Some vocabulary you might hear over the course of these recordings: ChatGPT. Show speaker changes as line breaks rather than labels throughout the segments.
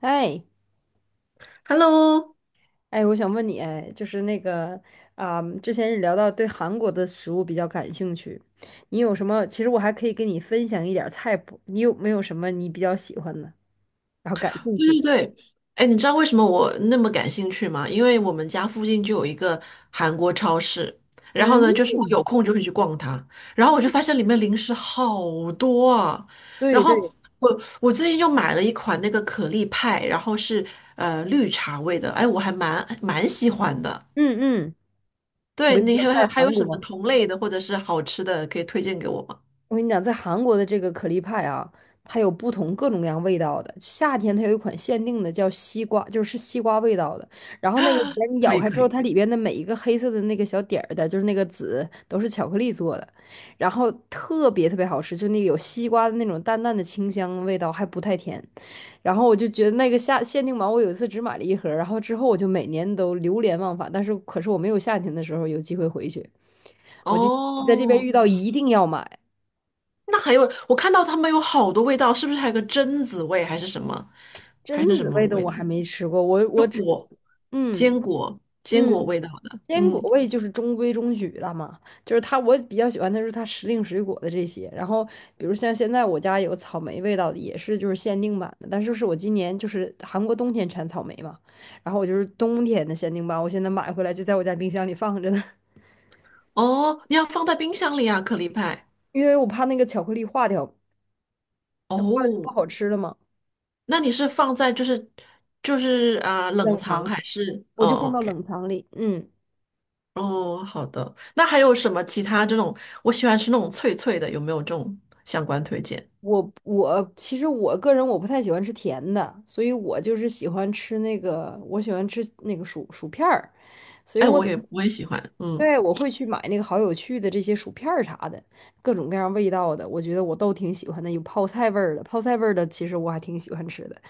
哎
Hello，
哎，我想问你，哎，就是那个之前也聊到对韩国的食物比较感兴趣，你有什么？其实我还可以跟你分享一点儿菜谱，你有没有什么你比较喜欢的，然后感兴
对
趣的？
对对，哎，你知道为什么我那么感兴趣吗？因为我们家附近就有一个韩国超市，然后
嗯，
呢，就是我有空就会去逛它，然后我就发现里面零食好多啊，然
对
后
对，
我最近又买了一款那个可丽派，然后是绿茶味的，哎，我还蛮喜欢的。
嗯嗯，我
对，
跟你
你
说，
还
在
有还有
韩
什么
国。
同类的或者是好吃的可以推荐给我吗？
我跟你讲，在韩国的这个可丽派啊，它有不同各种各样味道的。夏天它有一款限定的叫西瓜，就是西瓜味道的。然后那个里边你
可
咬
以
开之
可
后，
以。
它里边的每一个黑色的那个小点儿的，就是那个籽，都是巧克力做的，然后特别特别好吃，就那个有西瓜的那种淡淡的清香味道，还不太甜。然后我就觉得那个夏限定版，我有一次只买了一盒，然后之后我就每年都流连忘返。但是可是我没有夏天的时候有机会回去，我就在这边
哦，
遇到一定要买。
那还有，我看到他们有好多味道，是不是还有个榛子味，还是什么，
榛
还是什
子
么
味的
味
我
道？
还没吃过，我只嗯
坚果，坚果
嗯，
味道的。
坚果
嗯，
味就是中规中矩了嘛，就是它我比较喜欢的是它时令水果的这些，然后比如像现在我家有草莓味道的，也是就是限定版的，但是是我今年就是韩国冬天产草莓嘛，然后我就是冬天的限定版，我现在买回来就在我家冰箱里放着呢，
哦，你要放在冰箱里啊，可丽派。
因为我怕那个巧克力化掉，那化了就不
哦，
好吃了嘛，
那你是放在冷
冷
藏
藏
还是？
我
哦
就放到
，OK，
冷藏里，嗯。
哦，好的。那还有什么其他这种？我喜欢吃那种脆脆的，有没有这种相关推荐？
我其实我个人我不太喜欢吃甜的，所以我就是喜欢吃那个，我喜欢吃那个薯片儿，所以
哎，
我
我也喜欢。嗯，
对我会去买那个好有趣的这些薯片儿啥的，各种各样味道的，我觉得我都挺喜欢的。有泡菜味儿的，泡菜味儿的其实我还挺喜欢吃的。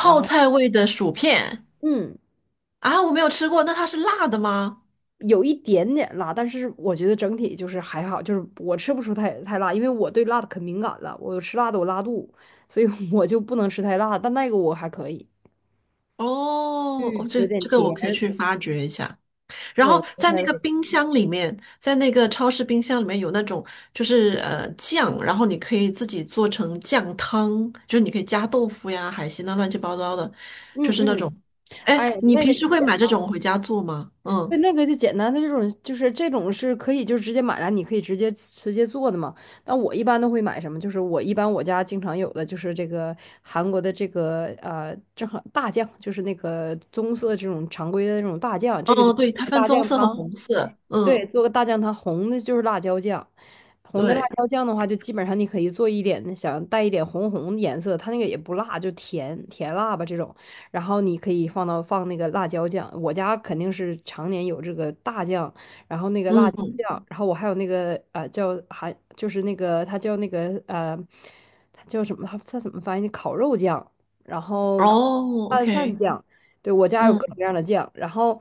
然后
菜味的薯片
嗯，
啊，我没有吃过，那它是辣的吗？
有一点点辣，但是我觉得整体就是还好，就是我吃不出太辣，因为我对辣的可敏感了，我吃辣的我拉肚，所以 我就不能吃太辣，但那个我还可以。
哦，哦，
嗯，
这
有点
这个
甜，
我可以去发掘一下。然
对，
后
不
在
太
那个
味。
冰箱里面，在那个超市冰箱里面有那种就是酱，然后你可以自己做成酱汤，就是你可以加豆腐呀、海鲜啊，乱七八糟的，就
嗯
是那
嗯，
种。哎，
哎，
你
那
平
个就
时会
简
买这
单
种
了，
回家做吗？
对，
嗯，
那个就简单。的这种就是这种是可以就直接买来，你可以直接做的嘛。那我一般都会买什么？就是我一般我家经常有的就是这个韩国的这个正好大酱，就是那个棕色这种常规的那种大酱，这个就
哦，对，它
是
分
大
棕
酱
色和
汤。
红色。
对，
嗯，
做个大酱汤，红的就是辣椒酱。红的辣
对，
椒酱的话，就基本上你可以做一点，想带一点红红的颜色，它那个也不辣，就甜甜辣吧这种。然后你可以放到放那个辣椒酱，我家肯定是常年有这个大酱，然后那个辣椒
嗯，
酱，然后我还有那个叫还就是那个它叫那个它叫什么？它它怎么翻译？烤肉酱，然后
哦
拌饭
，OK，
酱。对，我家有各种
嗯
各样的酱，然后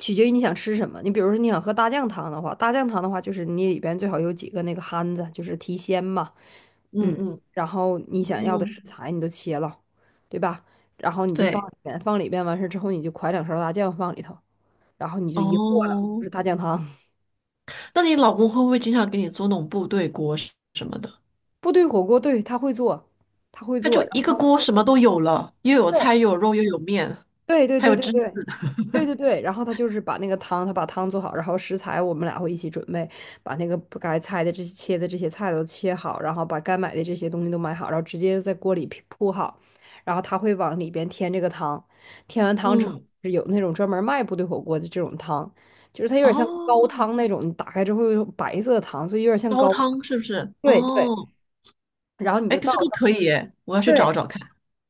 取决于你想吃什么。你比如说你想喝大酱汤的话，大酱汤的话就是你里边最好有几个那个憨子，就是提鲜嘛，
嗯
嗯，
嗯
然后你想要的食
嗯，
材你都切了，对吧？然后你就放
对，
里边，放里边完事之后你就㧟两勺大酱放里头，然后你就一和了，就
哦。
是大酱汤。
那你老公会不会经常给你做那种部队锅什么的？
部队火锅，对，他会做，他会
他就
做，
一
然
个
后。
锅什么都有了，又有
对。
菜，又有肉，又有面，
对对
还有
对对
芝士。
对对对对，然后他就是把那个汤，他把汤做好，然后食材我们俩会一起准备，把那个不该菜的这些切的这些菜都切好，然后把该买的这些东西都买好，然后直接在锅里铺铺好，然后他会往里边添这个汤，添完汤之后
嗯，
是有那种专门卖部队火锅的这种汤，就是它有点像高汤
哦，
那种，你打开之后有白色的汤，所以有点像
高
高汤，
汤是不是？
对对，
哦，
然后你
哎，
就倒。
这个可以耶，我要去找
对。
找看。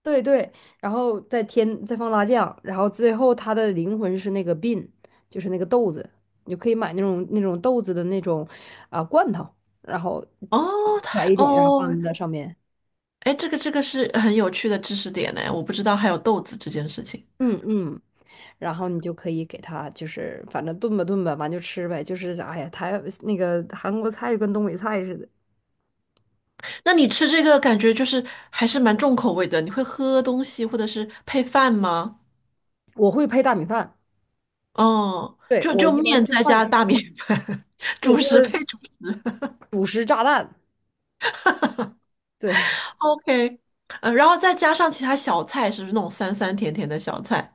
对对，然后再添再放辣酱，然后最后它的灵魂是那个 bean，就是那个豆子，你就可以买那种那种豆子的那种罐头，然后
哦，
撒
太
一点，然后
哦，
放在上面。
哎，这个这个是很有趣的知识点呢，我不知道还有豆子这件事情。
嗯嗯，然后你就可以给它，就是反正炖吧炖吧，完就吃呗。就是哎呀，台那个韩国菜就跟东北菜似的。
那你吃这个感觉就是还是蛮重口味的，你会喝东西或者是配饭吗？
我会配大米饭，
哦，
对，
就
我
就
一般
面
就
再
拌，
加大米饭，
对，
主
就
食配
是
主食
主食炸弹，对。
，OK，然后再加上其他小菜，是不是那种酸酸甜甜的小菜？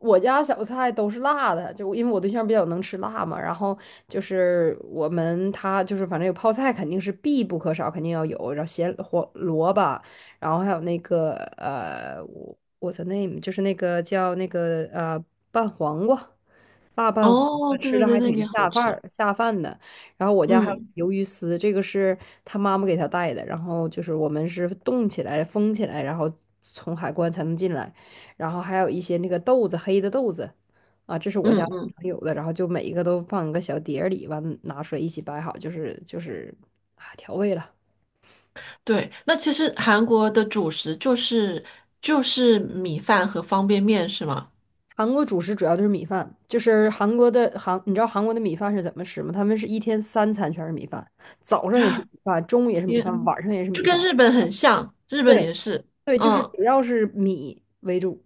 我家小菜都是辣的，就因为我对象比较能吃辣嘛，然后就是我们他就是反正有泡菜肯定是必不可少，肯定要有，然后咸黄萝卜，然后还有那个what's the name，就是那个叫那个拌黄瓜，辣拌黄
哦，
瓜
对
吃
对
着
对，
还
那个
挺
也好
下饭
吃。
儿下饭的。然后我家还
嗯
有鱿鱼丝，这个是他妈妈给他带的，然后就是我们是冻起来封起来，然后从海关才能进来。然后还有一些那个豆子，黑的豆子，啊，这是我
嗯
家经
嗯，
常有的，然后就每一个都放一个小碟儿里，完拿出来一起摆好，就是就是啊调味了。
对，那其实韩国的主食就是就是米饭和方便面是吗？
韩国主食主要就是米饭，就是韩国的韩，你知道韩国的米饭是怎么吃吗？他们是一天三餐全是米饭，早上也是米饭，中午也是米
天，
饭，晚上也是
就
米
跟
饭。
日本很像，日本也
对
是。
对，就是
嗯，
主要是米为主。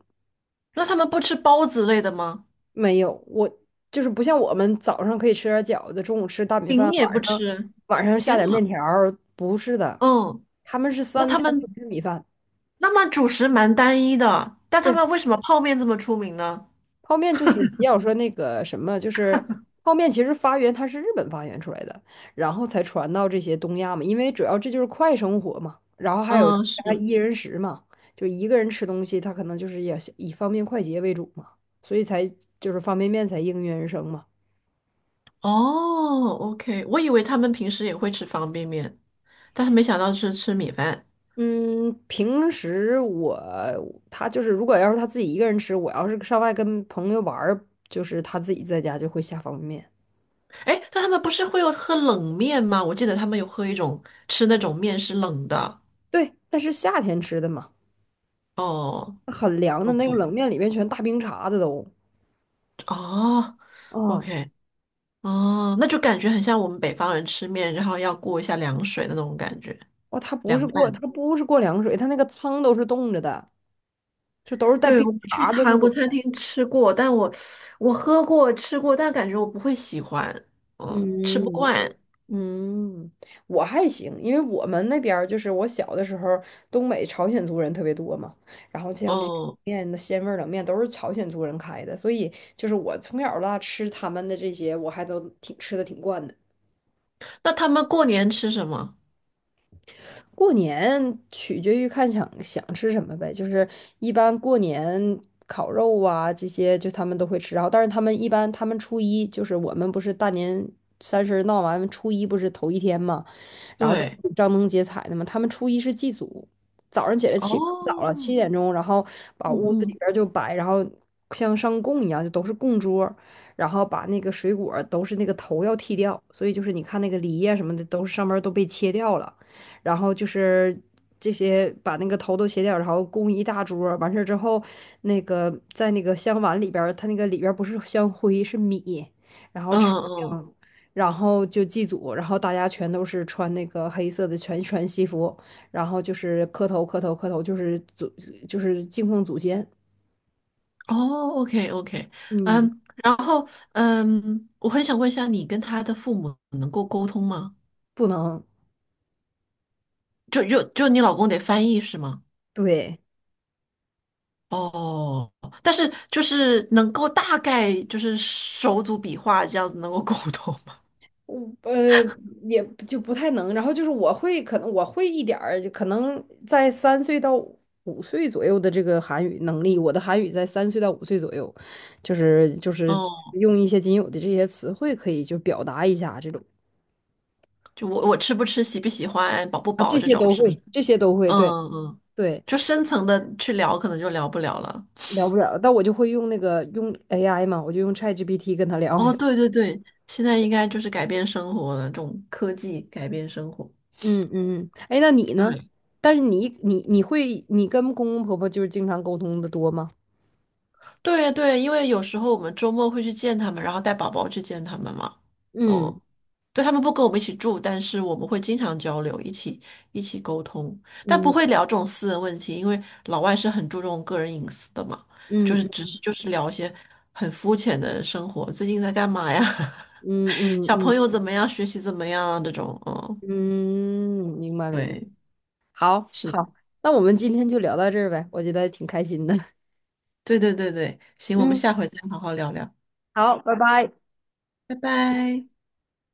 那他们不吃包子类的吗？
没有，我就是不像我们早上可以吃点饺子，中午吃大米饭，
饼也不
晚上
吃。
晚上下
天
点面
呐，
条儿不是的，
嗯，
他们是
那
三
他
餐不
们
吃米饭。
那么主食蛮单一的，但他
对，
们为什么泡面这么出名呢？
泡面就是要说那个什么，就是泡面其实发源它是日本发源出来的，然后才传到这些东亚嘛，因为主要这就是快生活嘛，然后还有
嗯，
加
是。
一人食嘛，就一个人吃东西，他可能就是也是以方便快捷为主嘛，所以才就是方便面才应运而生嘛。
哦，OK，我以为他们平时也会吃方便面，但他没想到是吃米饭。
嗯，平时我他就是，如果要是他自己一个人吃，我要是上外跟朋友玩儿，就是他自己在家就会下方便面。
哎，但他们不是会有喝冷面吗？我记得他们有喝一种吃那种面是冷的。
对，但是夏天吃的嘛，
哦
很凉的那个
，OK，
冷面里面全大冰碴子都。
哦
嗯，
，OK，哦，那就感觉很像我们北方人吃面，然后要过一下凉水的那种感觉，
哦，它不是
凉拌。
过，他不是过凉水，他那个汤都是冻着的，就都是带
对，
冰
我
碴
去
儿的那
韩国
个。
餐厅吃过，但我我喝过吃过，但感觉我不会喜欢，嗯，吃不
嗯，
惯，
嗯，我还行，因为我们那边儿就是我小的时候东北朝鲜族人特别多嘛，然后像这些
哦。
面的鲜味儿冷面都是朝鲜族人开的，所以就是我从小到大吃他们的这些，我还都挺吃的挺惯的。
那他们过年吃什么？
过年取决于看想想吃什么呗，就是一般过年烤肉啊这些，就他们都会吃，然后但是他们一般他们初一就是我们不是大年三十闹完初一不是头一天嘛。然后都
对，
是张灯结彩的嘛。他们初一是祭祖，早上起来起可早了，
哦，
7点钟，然后把
嗯
屋子里
嗯
边儿就摆，然后像上供一样，就都是供桌儿然后把那个水果儿都是那个头要剃掉，所以就是你看那个梨呀、什么的，都是上面儿都被切掉了，然后就是。这些把那个头都切掉，然后供一大桌儿完事儿之后，那个在那个香碗里边儿，它那个里边儿不是香灰，是米，
嗯嗯，
然后就祭祖，然后大家全都是穿那个黑色的全西服，然后就是磕头磕头磕头，就是祖就是敬奉祖先，
哦，OK OK，
嗯，
嗯，然后嗯，我很想问一下，你跟他的父母能够沟通吗？
不能，
就你老公得翻译是吗？
对，
哦，但是就是能够大概就是手足笔画这样子能够沟通吗？
我也就不太能。然后就是我会可能我会一点儿，就可能在三岁到五岁左右的这个韩语能力，我的韩语在三岁到五岁左右，就是就是
哦。
用一些仅有的这些词汇可以就表达一下这种
就我我吃不吃、喜不喜欢、饱不
啊，
饱
这
这
些
种，
都
是不是？
会，这些都会，对
嗯嗯，
对。
就深层的去聊，可能就聊不了了。
聊不了，但我就会用那个用 AI 嘛，我就用 ChatGPT 跟他聊。
哦，对对对，现在应该就是改变生活了，这种科技改变生活。
嗯嗯，嗯，哎，那你呢？
对，
但是你会你跟公公婆婆就是经常沟通的多吗？
对对，因为有时候我们周末会去见他们，然后带宝宝去见他们嘛。
嗯
哦，对，他们不跟我们一起住，但是我们会经常交流，一起沟通，但不会
嗯
聊这种私人问题，因为老外是很注重个人隐私的嘛。
嗯
就是只是就是聊一些很肤浅的生活，最近在干嘛呀？
嗯嗯
小
嗯
朋
嗯，
友怎么样？学习怎么样啊？这种，嗯，
嗯，明白明白。
对，
好
是的，
好，那我们今天就聊到这儿呗，我觉得挺开心的。
对对对对，行，我们
嗯，
下回再好好聊聊，
好，拜拜。
拜拜。